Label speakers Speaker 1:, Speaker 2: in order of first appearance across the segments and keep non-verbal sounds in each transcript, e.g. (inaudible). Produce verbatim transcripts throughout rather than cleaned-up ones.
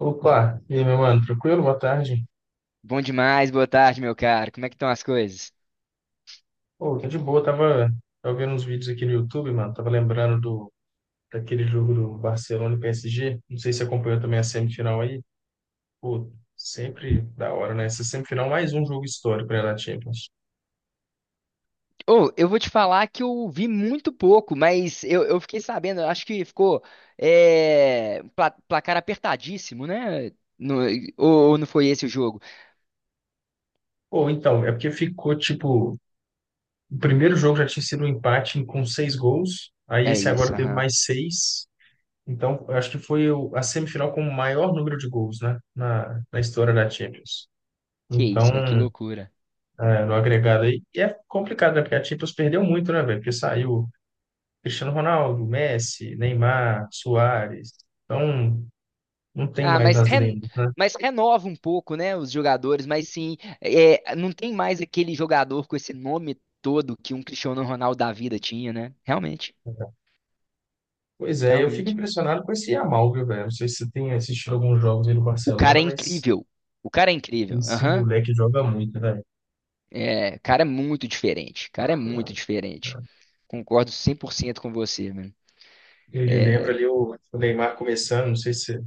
Speaker 1: Opa, e aí, meu mano, tranquilo? Boa tarde.
Speaker 2: Bom demais, boa tarde, meu caro. Como é que estão as coisas?
Speaker 1: Pô, tô de boa, tava, tava vendo uns vídeos aqui no YouTube, mano, tava lembrando do, daquele jogo do Barcelona e P S G, não sei se acompanhou também a semifinal aí, pô, sempre da hora, né? Essa semifinal, mais um jogo histórico, né, da Champions.
Speaker 2: Ô, eu vou te falar que eu vi muito pouco, mas eu, eu fiquei sabendo, acho que ficou é, pla- placar apertadíssimo, né? No- ou, ou não foi esse o jogo?
Speaker 1: Pô, então, é porque ficou, tipo, o primeiro jogo já tinha sido um empate com seis gols, aí
Speaker 2: É
Speaker 1: esse agora
Speaker 2: isso,
Speaker 1: teve
Speaker 2: aham.
Speaker 1: mais seis, então, eu acho que foi o- a semifinal com o maior número de gols, né, na, na história da Champions.
Speaker 2: Que
Speaker 1: Então,
Speaker 2: isso, velho, que loucura.
Speaker 1: é, no agregado aí. E é complicado, né? Porque a Champions perdeu muito, né, velho? Porque saiu Cristiano Ronaldo, Messi, Neymar, Suárez. Então, não tem
Speaker 2: Ah,
Speaker 1: mais
Speaker 2: mas,
Speaker 1: as
Speaker 2: ren-
Speaker 1: lendas, né?
Speaker 2: mas renova um pouco, né, os jogadores, mas sim, é, não tem mais aquele jogador com esse nome todo que um Cristiano Ronaldo da vida tinha, né? Realmente,
Speaker 1: Pois é, eu fico
Speaker 2: realmente.
Speaker 1: impressionado com esse Yamal, viu, velho? Não sei se você tem assistido alguns jogos aí no
Speaker 2: O cara
Speaker 1: Barcelona,
Speaker 2: é
Speaker 1: mas
Speaker 2: incrível. O cara é incrível.
Speaker 1: esse
Speaker 2: Aham.
Speaker 1: moleque joga muito, velho.
Speaker 2: É, cara, é muito diferente. Cara, é muito diferente. Concordo cem por cento com você, mano.
Speaker 1: Ele lembra
Speaker 2: É,
Speaker 1: ali o o Neymar começando, não sei se você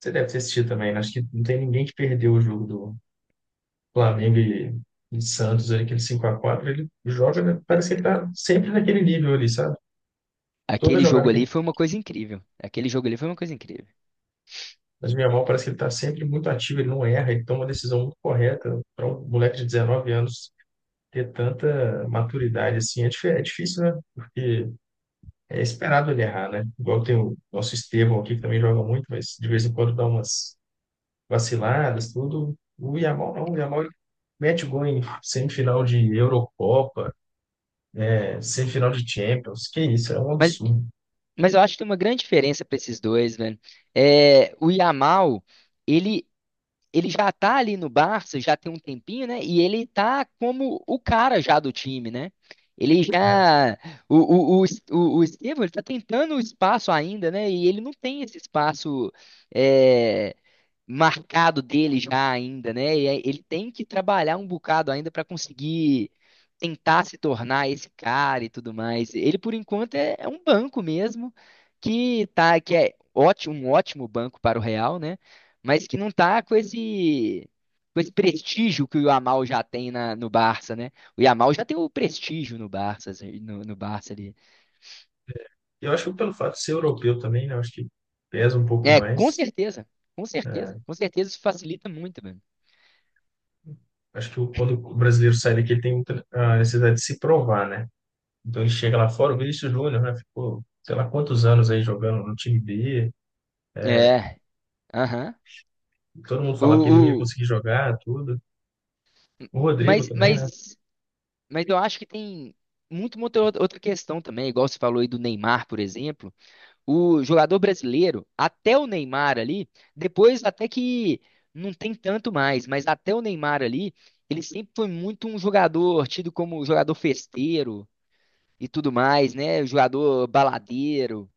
Speaker 1: você deve ter assistido também, né? Acho que não tem ninguém que perdeu o jogo do Flamengo e, e Santos, ali, aquele cinco a quatro ele joga, né? Parece que ele tá sempre naquele nível ali, sabe? Toda
Speaker 2: aquele jogo
Speaker 1: jogada que
Speaker 2: ali
Speaker 1: ele.
Speaker 2: foi uma coisa incrível. Aquele jogo ali foi uma coisa incrível.
Speaker 1: Mas o Yamal parece que ele está sempre muito ativo, ele não erra, ele toma uma decisão muito correta. Para um moleque de dezenove anos ter tanta maturidade assim é, dif- é difícil, né? Porque é esperado ele errar, né? Igual tem o nosso Estevão aqui, que também joga muito, mas de vez em quando dá umas vaciladas, tudo. O Yamal não, o Yamal ele mete gol em semifinal de Eurocopa, é, semifinal de Champions, que isso, é um
Speaker 2: Mas,
Speaker 1: absurdo.
Speaker 2: mas eu acho que tem uma grande diferença para esses dois, velho. É, o Yamal, ele, ele já tá ali no Barça, já tem um tempinho, né? E ele tá como o cara já do time, né? Ele
Speaker 1: É.
Speaker 2: já. O, o, o, o, o Estevão, ele tá tentando o espaço ainda, né? E ele não tem esse espaço. É, marcado dele já ainda, né? E aí ele tem que trabalhar um bocado ainda para conseguir tentar se tornar esse cara e tudo mais. Ele, por enquanto, é, é um banco mesmo, que tá, que é ótimo, um ótimo banco para o Real, né? Mas que não tá com esse, com esse prestígio que o Yamal já tem na, no Barça, né? O Yamal já tem o prestígio no Barça, assim, no, no Barça ali.
Speaker 1: Eu acho que pelo fato de ser europeu também, né? Eu acho que pesa um pouco
Speaker 2: É, com
Speaker 1: mais.
Speaker 2: certeza, com
Speaker 1: é,
Speaker 2: certeza, com certeza isso facilita muito, mano.
Speaker 1: Acho que o- quando o brasileiro sai daqui, ele tem muita, a necessidade de se provar, né? Então ele chega lá fora, o Vinícius Júnior, né? Ficou, sei lá quantos anos aí jogando no time B.
Speaker 2: É, aham.
Speaker 1: Todo mundo falava que ele não ia
Speaker 2: O,
Speaker 1: conseguir jogar, tudo. O Rodrigo
Speaker 2: mas,
Speaker 1: também, né?
Speaker 2: mas, mas eu acho que tem muito, muito outra outra questão também, igual você falou aí do Neymar, por exemplo. O jogador brasileiro, até o Neymar ali, depois até que não tem tanto mais, mas até o Neymar ali, ele sempre foi muito um jogador tido como jogador festeiro e tudo mais, né? Jogador baladeiro.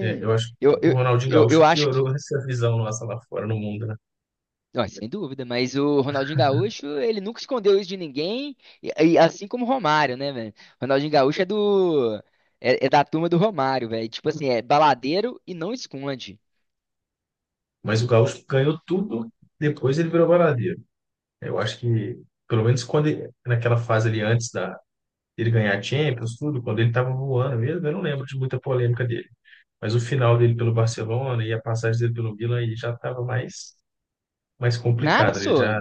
Speaker 1: É, eu acho que
Speaker 2: eu,
Speaker 1: o
Speaker 2: eu,
Speaker 1: Ronaldinho
Speaker 2: eu, eu
Speaker 1: Gaúcho
Speaker 2: acho que.
Speaker 1: piorou essa visão nossa lá fora no mundo, né?
Speaker 2: Ó, sem dúvida, mas o Ronaldinho Gaúcho, ele nunca escondeu isso de ninguém, e, e assim como o Romário, né, velho? Ronaldinho Gaúcho é do é, é da turma do Romário, velho. Tipo assim, é baladeiro e não esconde.
Speaker 1: Mas o Gaúcho ganhou tudo, depois ele virou baladeiro. Eu acho que, pelo menos quando ele- naquela fase ali antes da, dele ganhar a Champions, tudo, quando ele estava voando mesmo, eu não lembro de muita polêmica dele. Mas o final dele pelo Barcelona e a passagem dele pelo Milan aí já estava mais, mais
Speaker 2: Nada,
Speaker 1: complicado. Ele
Speaker 2: só.
Speaker 1: já.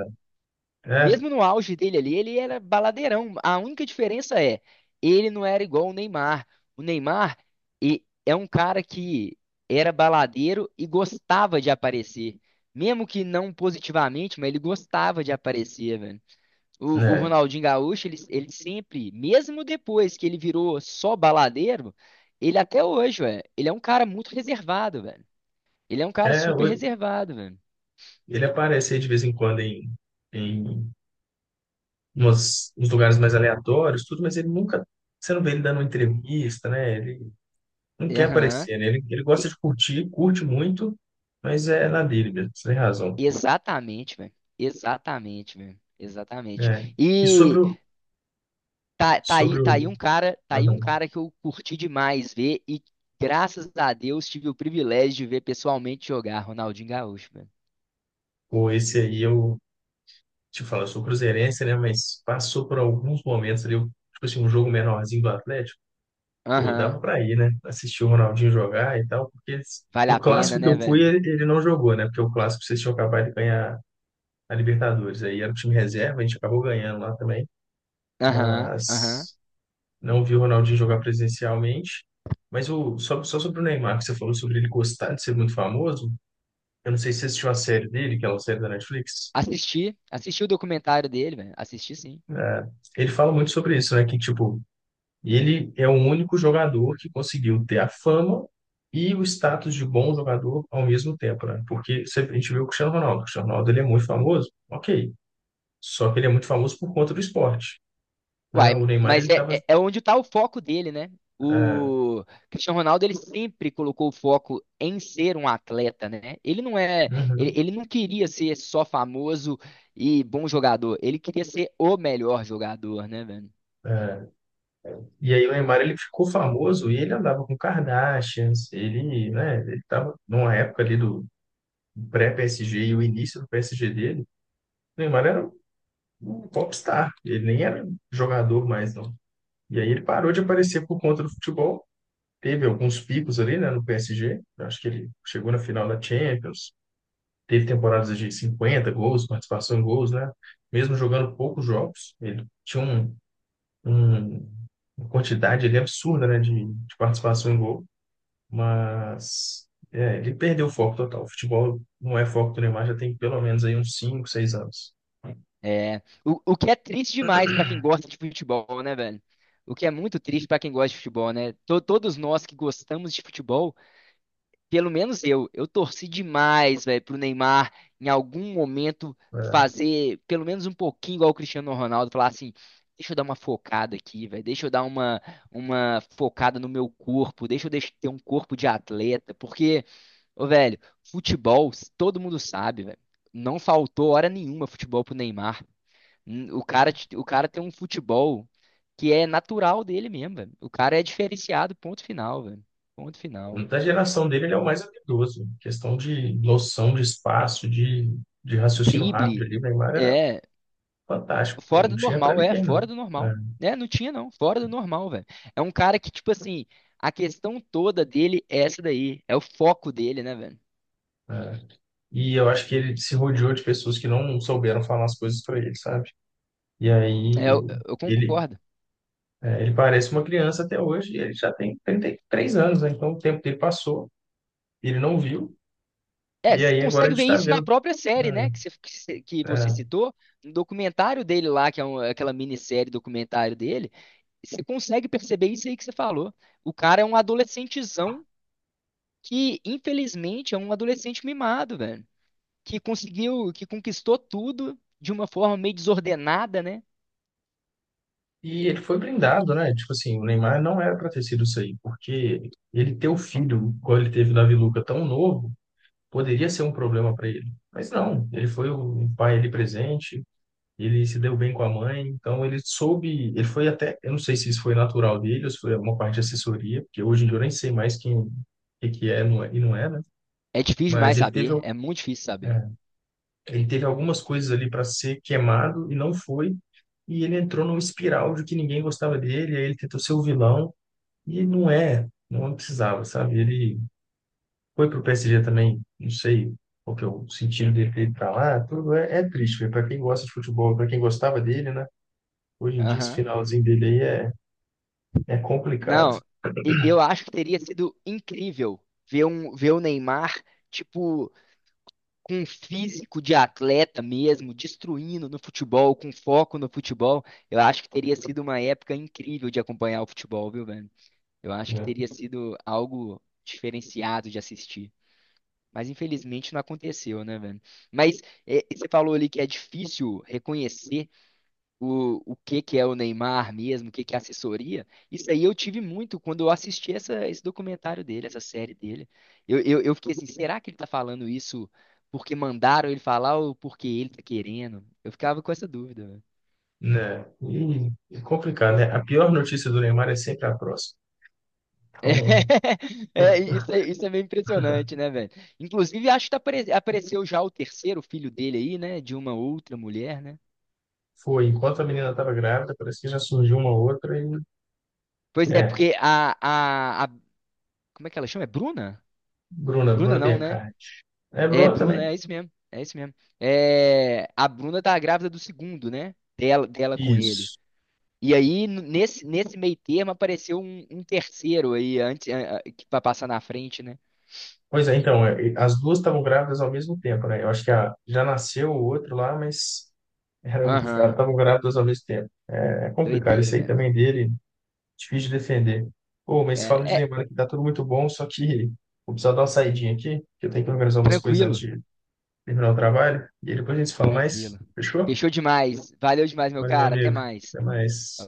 Speaker 1: É,
Speaker 2: Mesmo no auge dele ali, ele era baladeirão. A única diferença é, ele não era igual o Neymar. O Neymar e- é um cara que era baladeiro e gostava de aparecer. Mesmo que não positivamente, mas ele gostava de aparecer, velho. O, o
Speaker 1: né?
Speaker 2: Ronaldinho Gaúcho, ele, ele sempre, mesmo depois que ele virou só baladeiro, ele até hoje, velho, ele é um cara muito reservado, velho. Ele é um cara
Speaker 1: É,
Speaker 2: super
Speaker 1: hoje,
Speaker 2: reservado, velho.
Speaker 1: ele aparece aí de vez em quando em, em umas, uns lugares mais aleatórios, tudo, mas ele nunca. Você não vê ele dando uma entrevista, né? Ele não quer
Speaker 2: Aham.
Speaker 1: aparecer, né? Ele, ele
Speaker 2: E-
Speaker 1: gosta de curtir, curte muito, mas é na dele mesmo, você tem razão.
Speaker 2: Exatamente, velho. Exatamente, velho. Exatamente.
Speaker 1: É. E sobre
Speaker 2: E
Speaker 1: o.
Speaker 2: tá, tá aí,
Speaker 1: Sobre
Speaker 2: tá aí
Speaker 1: o.
Speaker 2: um cara, tá aí um
Speaker 1: Aham.
Speaker 2: cara que eu curti demais ver e graças a Deus tive o privilégio de ver pessoalmente jogar Ronaldinho Gaúcho, velho.
Speaker 1: Pô, esse aí eu te falar, eu sou cruzeirense, né? Mas passou por alguns momentos ali, tipo assim, um jogo menorzinho do Atlético, pô, dava
Speaker 2: Aham.
Speaker 1: pra ir, né? Assistir o Ronaldinho jogar e tal, porque eles-
Speaker 2: Vale
Speaker 1: o
Speaker 2: a pena,
Speaker 1: clássico que
Speaker 2: né,
Speaker 1: eu fui,
Speaker 2: velho?
Speaker 1: ele, ele não jogou, né? Porque o clássico vocês tinham acabado de ganhar a Libertadores. Aí era o time reserva, a gente acabou ganhando lá também,
Speaker 2: Aham, aham.
Speaker 1: mas não vi o Ronaldinho jogar presencialmente. Mas o, só, só sobre o Neymar, que você falou sobre ele gostar de ser muito famoso, eu não sei se você assistiu a série dele, que é uma série da Netflix.
Speaker 2: Assisti, assisti o documentário dele, velho. Assisti sim.
Speaker 1: É, ele fala muito sobre isso, né? Que, tipo, e ele é o único jogador que conseguiu ter a fama e o status de bom jogador ao mesmo tempo, né? Porque sempre a gente vê o Cristiano Ronaldo. O Cristiano Ronaldo ele é muito famoso, ok. Só que ele é muito famoso por conta do esporte, né? O
Speaker 2: Uai,
Speaker 1: Neymar
Speaker 2: mas
Speaker 1: ele
Speaker 2: é,
Speaker 1: tava,
Speaker 2: é, é onde tá o foco dele, né?
Speaker 1: é,
Speaker 2: O Cristiano Ronaldo, ele sempre colocou o foco em ser um atleta, né? Ele não é, ele,
Speaker 1: uhum,
Speaker 2: ele não queria ser só famoso e bom jogador. Ele queria ser o melhor jogador, né, velho?
Speaker 1: é. E aí o Neymar ele ficou famoso e ele andava com Kardashians, ele, né? Ele tava numa época ali do pré-P S G e o início do P S G dele. O Neymar era um um popstar, ele nem era um jogador mais, não. E aí ele parou de aparecer por conta do futebol. Teve alguns picos ali, né, no P S G. Eu acho que ele chegou na final da Champions. Teve temporadas de cinquenta gols, participação em gols, né? Mesmo jogando poucos jogos, ele tinha um, um- uma quantidade ali absurda, né, de, de participação em gol. Mas é, ele perdeu o foco total. O futebol não é foco do Neymar já tem pelo menos aí uns cinco seis anos.
Speaker 2: É, o, o que é triste demais pra quem gosta de futebol, né, velho? O que é muito triste pra quem gosta de futebol, né? To- todos nós que gostamos de futebol. Pelo menos eu, eu torci demais, velho, pro Neymar em algum momento
Speaker 1: É.
Speaker 2: fazer pelo menos um pouquinho igual o Cristiano Ronaldo, falar assim, deixa eu dar uma focada aqui, velho, deixa eu dar uma, uma focada no meu corpo, deixa eu deix- ter um corpo de atleta, porque, ô, velho, futebol, todo mundo sabe, velho, não faltou hora nenhuma futebol pro Neymar. Hum, O cara, t- o cara tem um futebol que é natural dele mesmo, velho. O cara é diferenciado, ponto final, velho. Ponto final.
Speaker 1: Da geração dele, ele é o mais habilidoso. Questão de noção de espaço, de, de raciocínio rápido
Speaker 2: Drible.
Speaker 1: ali, o Neymar era
Speaker 2: É,
Speaker 1: fantástico. Pô,
Speaker 2: fora
Speaker 1: não
Speaker 2: do
Speaker 1: tinha para
Speaker 2: normal, é,
Speaker 1: ninguém, não.
Speaker 2: fora do normal. É, não tinha não, fora do normal, velho. É um cara que, tipo assim, a questão toda dele é essa daí, é o foco dele, né, velho?
Speaker 1: É, é. E eu acho que ele se rodeou de pessoas que não souberam falar as coisas para ele, sabe? E
Speaker 2: É,
Speaker 1: aí
Speaker 2: eu, eu
Speaker 1: ele,
Speaker 2: concordo.
Speaker 1: é, ele parece uma criança até hoje e ele já tem trinta e três anos, né? Então o tempo dele passou, ele não viu,
Speaker 2: É,
Speaker 1: e
Speaker 2: você
Speaker 1: aí agora a
Speaker 2: consegue
Speaker 1: gente
Speaker 2: ver
Speaker 1: está
Speaker 2: isso na
Speaker 1: vendo
Speaker 2: própria série, né, que você, que você que
Speaker 1: É,
Speaker 2: você
Speaker 1: é.
Speaker 2: citou, no documentário dele lá, que é um- aquela minissérie documentário dele, você consegue perceber isso aí que você falou. O cara é um adolescentezão que, infelizmente, é um adolescente mimado, velho. Que conseguiu, que conquistou tudo de uma forma meio desordenada, né?
Speaker 1: E ele foi brindado, né? Tipo assim, o Neymar não era para ter sido isso aí, porque ele ter o filho, quando ele teve o Davi Luca tão novo, poderia ser um problema para ele. Mas não, ele foi o pai ali presente, ele se deu bem com a mãe, então ele soube, ele foi até, eu não sei se isso foi natural dele ou se foi uma parte de assessoria, porque hoje em dia eu nem sei mais quem, o que que é não é- e não é, né?
Speaker 2: É difícil
Speaker 1: Mas
Speaker 2: demais
Speaker 1: ele teve,
Speaker 2: saber, é muito difícil saber.
Speaker 1: é, ele teve algumas coisas ali para ser queimado e não foi. E ele entrou numa espiral de que ninguém gostava dele, aí ele tentou ser o vilão. E não é, não precisava, sabe? Ele foi pro P S G também, não sei qual que é o sentido dele ter ido pra lá, tudo é, é triste, para quem gosta de futebol, para quem gostava dele, né? Hoje em dia esse
Speaker 2: Aham.
Speaker 1: finalzinho dele aí é, é complicado,
Speaker 2: Não, e- eu acho que teria sido incrível ver um, ver o Neymar, tipo, com um físico de atleta mesmo, destruindo no futebol, com foco no futebol. Eu acho que teria sido uma época incrível de acompanhar o futebol, viu, velho? Eu acho que
Speaker 1: né?
Speaker 2: teria sido algo diferenciado de assistir. Mas infelizmente não aconteceu, né, velho? Mas é, você falou ali que é difícil reconhecer o, o que que é o Neymar mesmo, o que que é assessoria. Isso aí eu tive muito quando eu assisti essa, esse documentário dele, essa série dele. Eu, eu, eu fiquei assim, será que ele tá falando isso porque mandaram ele falar ou porque ele tá querendo? Eu ficava com essa dúvida, velho.
Speaker 1: Né? E é complicado, né? A pior notícia do Neymar é sempre a próxima. Então,
Speaker 2: (laughs) É,
Speaker 1: (laughs)
Speaker 2: isso, é, isso é meio impressionante, né, velho? Inclusive, acho que tá apare- apareceu já o terceiro filho dele aí, né? De uma outra mulher, né?
Speaker 1: foi, enquanto a menina estava grávida, parece que já surgiu uma outra e
Speaker 2: Pois é,
Speaker 1: é,
Speaker 2: porque a, a, a- como é que ela chama? É Bruna?
Speaker 1: Bruna,
Speaker 2: Bruna
Speaker 1: Bruna
Speaker 2: não, né?
Speaker 1: Biancardi. É
Speaker 2: É,
Speaker 1: Bruna
Speaker 2: Bruna,
Speaker 1: também.
Speaker 2: é isso mesmo. É isso mesmo. É, a Bruna tá grávida do segundo, né? Dela, dela com ele.
Speaker 1: Isso.
Speaker 2: E aí, n- nesse, nesse meio termo, apareceu um, um terceiro aí, antes, a- a- que pra passar na frente, né?
Speaker 1: Pois é, então, é, e as duas estavam grávidas ao mesmo tempo, né? Eu acho que a, já nasceu o outro lá, mas (laughs) eram,
Speaker 2: Aham.
Speaker 1: estavam grávidas ao mesmo tempo. É, é complicado,
Speaker 2: Doideira,
Speaker 1: isso aí
Speaker 2: velho.
Speaker 1: também é dele, difícil de defender. Pô,
Speaker 2: É,
Speaker 1: mas falando de
Speaker 2: é,
Speaker 1: lembrar que tá tudo muito bom, só que vou precisar dar uma saidinha aqui, que eu tenho que organizar umas coisas antes
Speaker 2: tranquilo.
Speaker 1: de terminar o trabalho, e aí depois a gente se fala mais,
Speaker 2: Tranquilo.
Speaker 1: fechou?
Speaker 2: Fechou demais. Valeu demais, meu
Speaker 1: Valeu, meu
Speaker 2: cara. Até
Speaker 1: amigo,
Speaker 2: mais.
Speaker 1: até
Speaker 2: Falou.
Speaker 1: mais.